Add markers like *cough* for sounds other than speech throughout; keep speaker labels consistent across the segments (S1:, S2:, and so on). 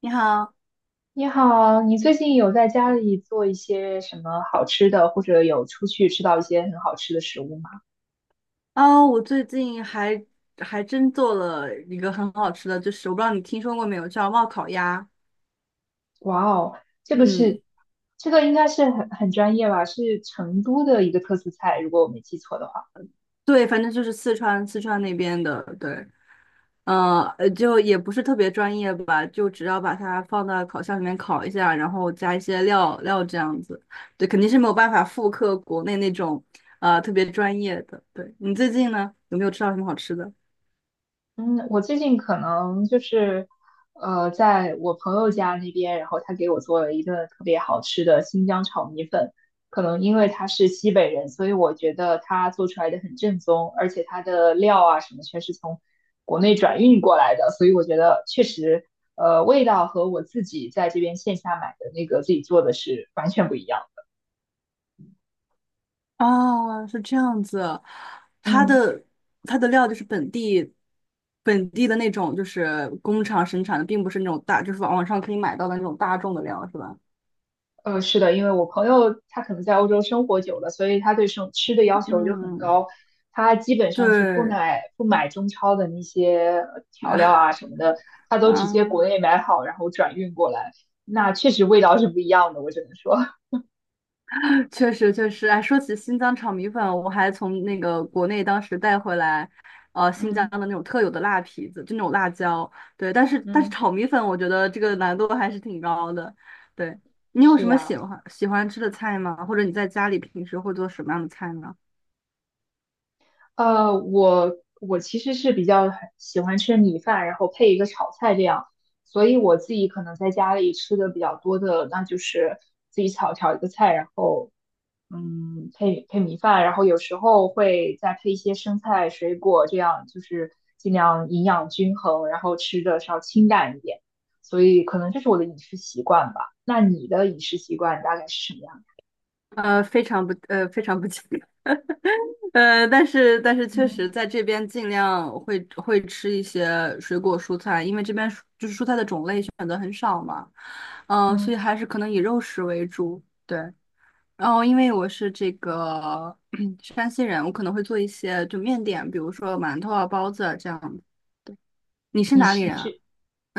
S1: 你好，
S2: 你好，你最近有在家里做一些什么好吃的，或者有出去吃到一些很好吃的食物吗？
S1: 啊、我最近还还真做了一个很好吃的，就是我不知道你听说过没有，叫冒烤鸭。
S2: 哇哦，这个
S1: 嗯，
S2: 是，这个应该是很专业吧，是成都的一个特色菜，如果我没记错的话。
S1: 对，反正就是四川那边的，对，就也不是特别专业吧，就只要把它放到烤箱里面烤一下，然后加一些料这样子，对，肯定是没有办法复刻国内那种特别专业的。对，你最近呢，有没有吃到什么好吃的？
S2: 嗯，我最近可能就是，在我朋友家那边，然后他给我做了一顿特别好吃的新疆炒米粉。可能因为他是西北人，所以我觉得他做出来的很正宗，而且他的料啊什么全是从国内转运过来的，所以我觉得确实，味道和我自己在这边线下买的那个自己做的是完全不一样。
S1: 哦，是这样子，它
S2: 嗯。
S1: 的它的料就是本地的那种，就是工厂生产的，并不是那种大，就是网上可以买到的那种大众的料，是吧？
S2: 是的，因为我朋友他可能在欧洲生活久了，所以他对生吃的要求就很
S1: 嗯，
S2: 高，他基本上是不
S1: 对，
S2: 买不买中超的那些调料啊
S1: *laughs*
S2: 什么的，他都直接国
S1: 啊，
S2: 内买好，然后转运过来。那确实味道是不一样的，我只能说
S1: 确实，哎，说起新疆炒米粉，我还从那个国内当时带回来，
S2: *laughs*
S1: 新疆
S2: 嗯
S1: 的那种特有的辣皮子，就那种辣椒，对，但是
S2: 嗯，
S1: 炒米粉，我觉得这个难度还是挺高的。对，
S2: *laughs*
S1: 你有
S2: 是
S1: 什么
S2: 呀。
S1: 喜欢吃的菜吗？或者你在家里平时会做什么样的菜呢？
S2: 我其实是比较喜欢吃米饭，然后配一个炒菜这样，所以我自己可能在家里吃的比较多的，那就是自己炒炒一个菜，然后配米饭，然后有时候会再配一些生菜、水果，这样就是尽量营养均衡，然后吃的稍清淡一点，所以可能这是我的饮食习惯吧。那你的饮食习惯大概是什么样的？
S1: 非常不 *laughs* 健但是确实
S2: 嗯
S1: 在这边尽量会吃一些水果蔬菜，因为这边蔬就是蔬菜的种类选择很少嘛，所以
S2: 嗯，
S1: 还是可能以肉食为主。对，然后因为我是这个 *clears throat* 山西人，我可能会做一些就面点，比如说馒头啊、包子啊这样子。对，你是
S2: 你
S1: 哪里
S2: 是你
S1: 人啊？
S2: 是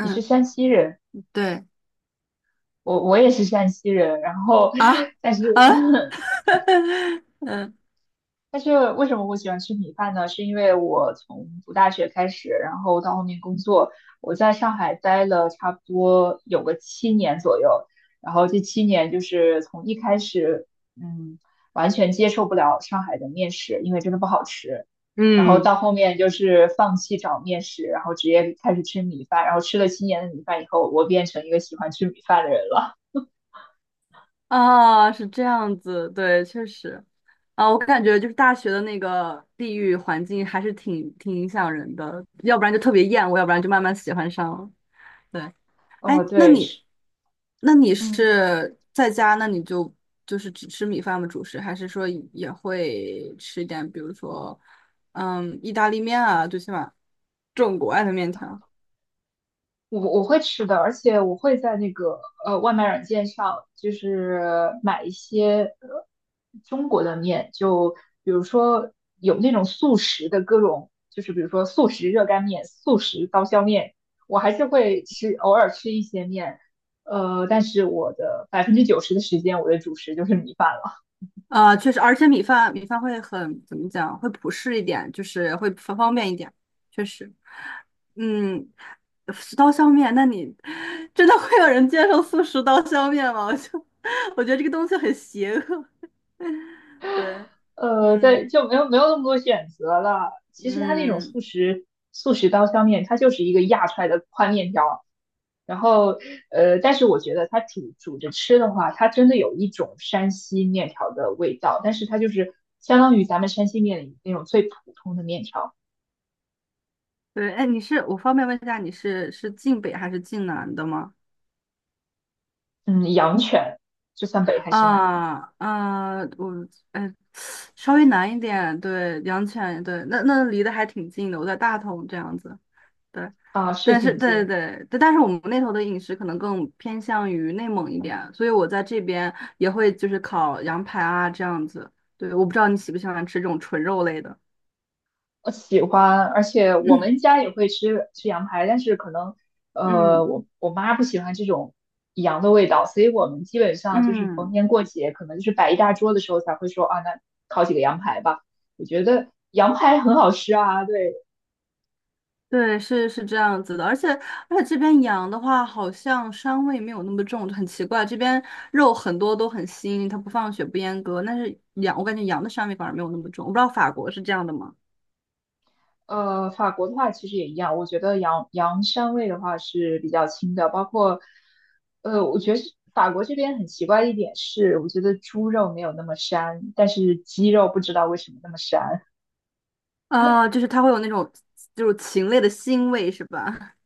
S2: 你是山西人？
S1: 对。
S2: 我也是山西人，然后
S1: 啊，
S2: 但是
S1: 啊，
S2: *laughs*
S1: *laughs* 嗯。
S2: 但是为什么我喜欢吃米饭呢？是因为我从读大学开始，然后到后面工作，我在上海待了差不多有个七年左右，然后这七年就是从一开始，嗯，完全接受不了上海的面食，因为真的不好吃，然后
S1: 嗯。
S2: 到后面就是放弃找面食，然后直接开始吃米饭，然后吃了七年的米饭以后，我变成一个喜欢吃米饭的人了。
S1: 啊，是这样子，对，确实，啊，我感觉就是大学的那个地域环境还是挺影响人的，要不然就特别厌恶，要不然就慢慢喜欢上了。对，哎，
S2: 哦，
S1: 那
S2: 对，
S1: 你，
S2: 是，
S1: 那你
S2: 嗯。
S1: 是在家，那你就就是只吃米饭吗？主食，还是说也会吃一点，比如说，嗯，意大利面啊，最起码这种国外的面条。
S2: 我会吃的，而且我会在那个外卖软件上，就是买一些中国的面，就比如说有那种速食的各种，就是比如说速食热干面、速食刀削面，我还是会吃，偶尔吃一些面，但是我的90%的时间，我的主食就是米饭了。
S1: 啊，确实，而且米饭会很，怎么讲，会普适一点，就是会方便一点，确实。嗯，十刀削面，那你真的会有人接受素食刀削面吗？我就 *laughs* 我觉得这个东西很邪恶。*laughs* 对，
S2: 对，
S1: 嗯，
S2: 就没有那么多选择了。其实它那种
S1: 嗯，
S2: 速食刀削面，它就是一个压出来的宽面条。然后，但是我觉得它煮煮着吃的话，它真的有一种山西面条的味道，但是它就是相当于咱们山西面里那种最普通的面条。
S1: 对，哎，你是我方便问一下，你是晋北还是晋南的吗？
S2: 嗯，阳泉，这算北还是南呢？
S1: 我哎，稍微南一点，对，阳泉，对，那离得还挺近的，我在大同这样子。对，
S2: 啊，是
S1: 但是
S2: 挺近。
S1: 对，但是我们那头的饮食可能更偏向于内蒙一点，所以我在这边也会就是烤羊排啊这样子。对，我不知道你喜不喜欢吃这种纯肉类的。
S2: 我喜欢，而且我
S1: 嗯
S2: 们家也会吃吃羊排，但是可能
S1: 嗯
S2: 我妈不喜欢这种羊的味道，所以我们基本上就是逢
S1: 嗯，
S2: 年过节，可能就是摆一大桌的时候才会说啊，那烤几个羊排吧。我觉得羊排很好吃啊，对，
S1: 对，是这样子的，而且这边羊的话，好像膻味没有那么重，就很奇怪。这边肉很多都很腥，它不放血不阉割，但是羊我感觉羊的膻味反而没有那么重。我不知道法国是这样的吗？
S2: 法国的话其实也一样，我觉得羊膻味的话是比较轻的，包括我觉得是法国这边很奇怪的一点是，我觉得猪肉没有那么膻，但是鸡肉不知道为什么那么膻。
S1: 它会有那种就是禽类的腥味是吧？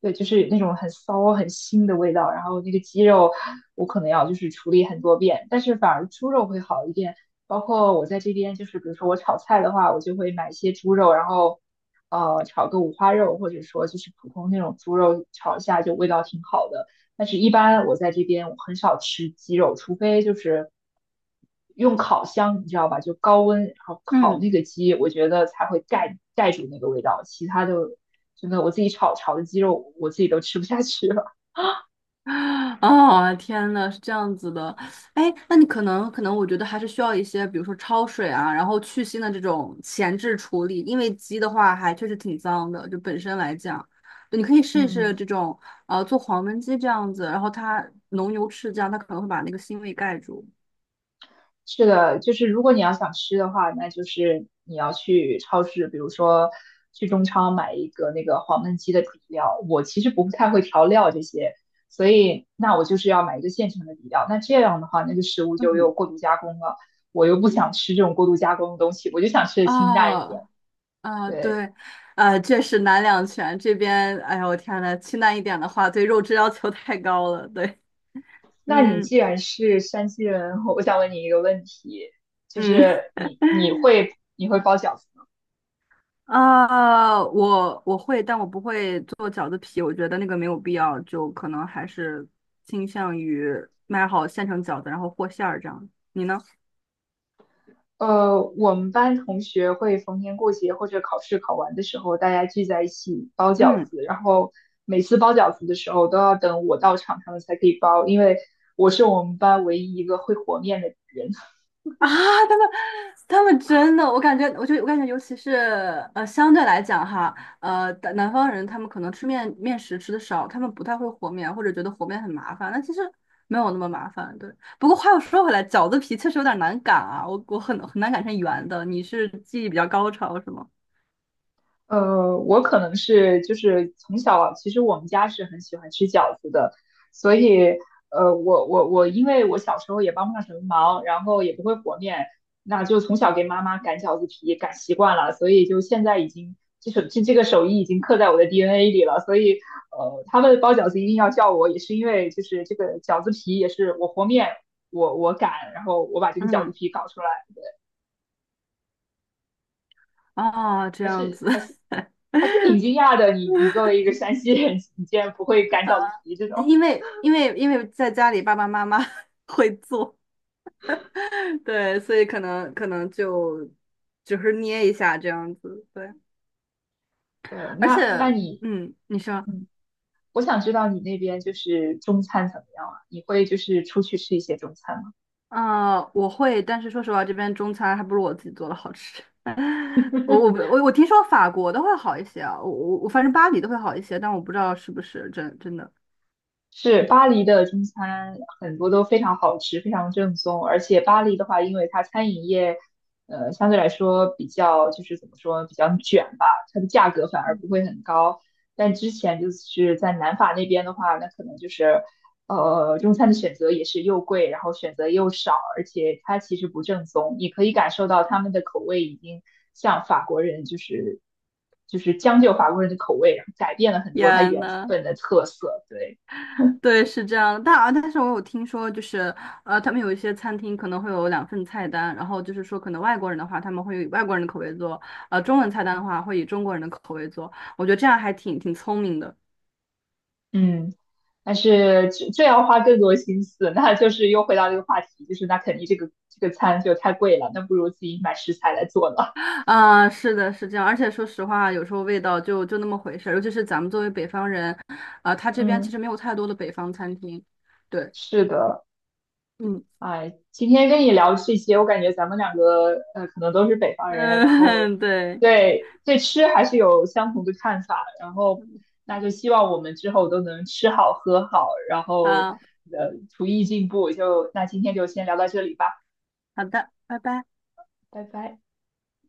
S2: 对，就是那种很骚、很腥的味道。然后那个鸡肉，我可能要就是处理很多遍，但是反而猪肉会好一点。包括我在这边，就是比如说我炒菜的话，我就会买一些猪肉，然后炒个五花肉，或者说就是普通那种猪肉炒一下，就味道挺好的。但是，一般我在这边我很少吃鸡肉，除非就是用烤箱，你知道吧？就高温然后烤
S1: 嗯，
S2: 那个鸡，我觉得才会盖住那个味道，其他的真的我自己炒的鸡肉我自己都吃不下去了。
S1: *gasps* 啊天呐，是这样子的，哎，那你可能，我觉得还是需要一些，比如说焯水啊，然后去腥的这种前置处理，因为鸡的话还确实挺脏的，就本身来讲，对，你可以试一试
S2: 嗯
S1: 这种，做黄焖鸡这样子，然后它浓油赤酱，它可能会把那个腥味盖住。
S2: 是的，就是如果你要想吃的话，那就是你要去超市，比如说去中超买一个那个黄焖鸡的底料。我其实不太会调料这些，所以那我就是要买一个现成的底料。那这样的话，那个食物就又过度加工了。我又不想吃这种过度加工的东西，我就想吃的清淡一点。
S1: 哦，啊，
S2: 对，
S1: 对，确实难两全，这边，哎呦，我天呐，清淡一点的话，对肉质要求太高了，对，
S2: 那你
S1: 嗯
S2: 既然是山西人，我想问你一个问题，就
S1: 嗯。
S2: 是你会包饺子吗？
S1: 啊，我会，但我不会做饺子皮，我觉得那个没有必要，就可能还是倾向于买好现成饺子，然后和馅儿这样。你呢？
S2: 我们班同学会逢年过节或者考试考完的时候，大家聚在一起包
S1: *laughs*
S2: 饺
S1: 嗯。
S2: 子，然后每次包饺子的时候都要等我到场，他们才可以包，因为我是我们班唯一一个会和面的人。
S1: 啊，他们他们真的，我感觉，我感觉，尤其是相对来讲哈，南方人他们可能吃面食吃的少，他们不太会和面，或者觉得和面很麻烦，那其实没有那么麻烦，对。不过话又说回来，饺子皮确实有点难擀啊，我很难擀成圆的。你是技艺比较高超是吗？
S2: 我可能是就是从小，其实我们家是很喜欢吃饺子的，所以呃，我我我，因为我小时候也帮不上什么忙，然后也不会和面，那就从小给妈妈擀饺子皮擀习惯了，所以就现在已经这个手艺已经刻在我的 DNA 里了，所以他们包饺子一定要叫我，也是因为就是这个饺子皮也是我和面我擀，然后我把这个饺子
S1: 嗯，
S2: 皮搞出来，
S1: 哦，这
S2: 还
S1: 样
S2: 是
S1: 子，
S2: 还是
S1: *laughs*
S2: 还是挺惊讶的。你你作为一个山西人，*laughs* 你竟然不会擀
S1: 呃，
S2: 饺子皮这种。
S1: 因为在家里爸爸妈妈 *laughs* 会做，*laughs* 对，所以可能就只是捏一下这样子，对，
S2: 对，
S1: 而且，
S2: 那那你，
S1: 嗯，你说，
S2: 嗯，我想知道你那边就是中餐怎么样啊？你会就是出去吃一些中餐吗？
S1: 我会，但是说实话，这边中餐还不如我自己做的好吃。*laughs* 我我不我我听说法国的会好一些啊，我反正巴黎的会好一些，但我不知道是不是真的。
S2: 是巴黎的中餐很多都非常好吃，非常正宗。而且巴黎的话，因为它餐饮业，相对来说比较就是怎么说，比较卷吧，它的价格反而不会很高。但之前就是在南法那边的话，那可能就是，中餐的选择也是又贵，然后选择又少，而且它其实不正宗。你可以感受到他们的口味已经像法国人，就是将就法国人的口味，然后改变了很多它
S1: 天
S2: 原
S1: 呐，
S2: 本的特色。对。
S1: 对，是这样的，但啊，但是我有听说，就是他们有一些餐厅可能会有两份菜单，然后就是说，可能外国人的话，他们会以外国人的口味做，中文菜单的话会以中国人的口味做，我觉得这样还挺聪明的。
S2: 嗯，但是这要花更多心思，那就是又回到这个话题，就是那肯定这个餐就太贵了，那不如自己买食材来做呢。
S1: 是的，是这样，而且说实话，有时候味道就那么回事儿，尤其是咱们作为北方人，他这边其
S2: 嗯
S1: 实没有太多的北方餐厅。
S2: *laughs*
S1: 对，
S2: 是的，
S1: 嗯
S2: 哎，今天跟你聊这些，我感觉咱们两个可能都是北方人，然后
S1: 嗯，*laughs* 对，
S2: 对吃还是有相同的看法，然后那就希望我们之后都能吃好喝好，然后
S1: 好
S2: 厨艺进步，就那今天就先聊到这里吧，
S1: 好的，拜拜。
S2: 拜拜。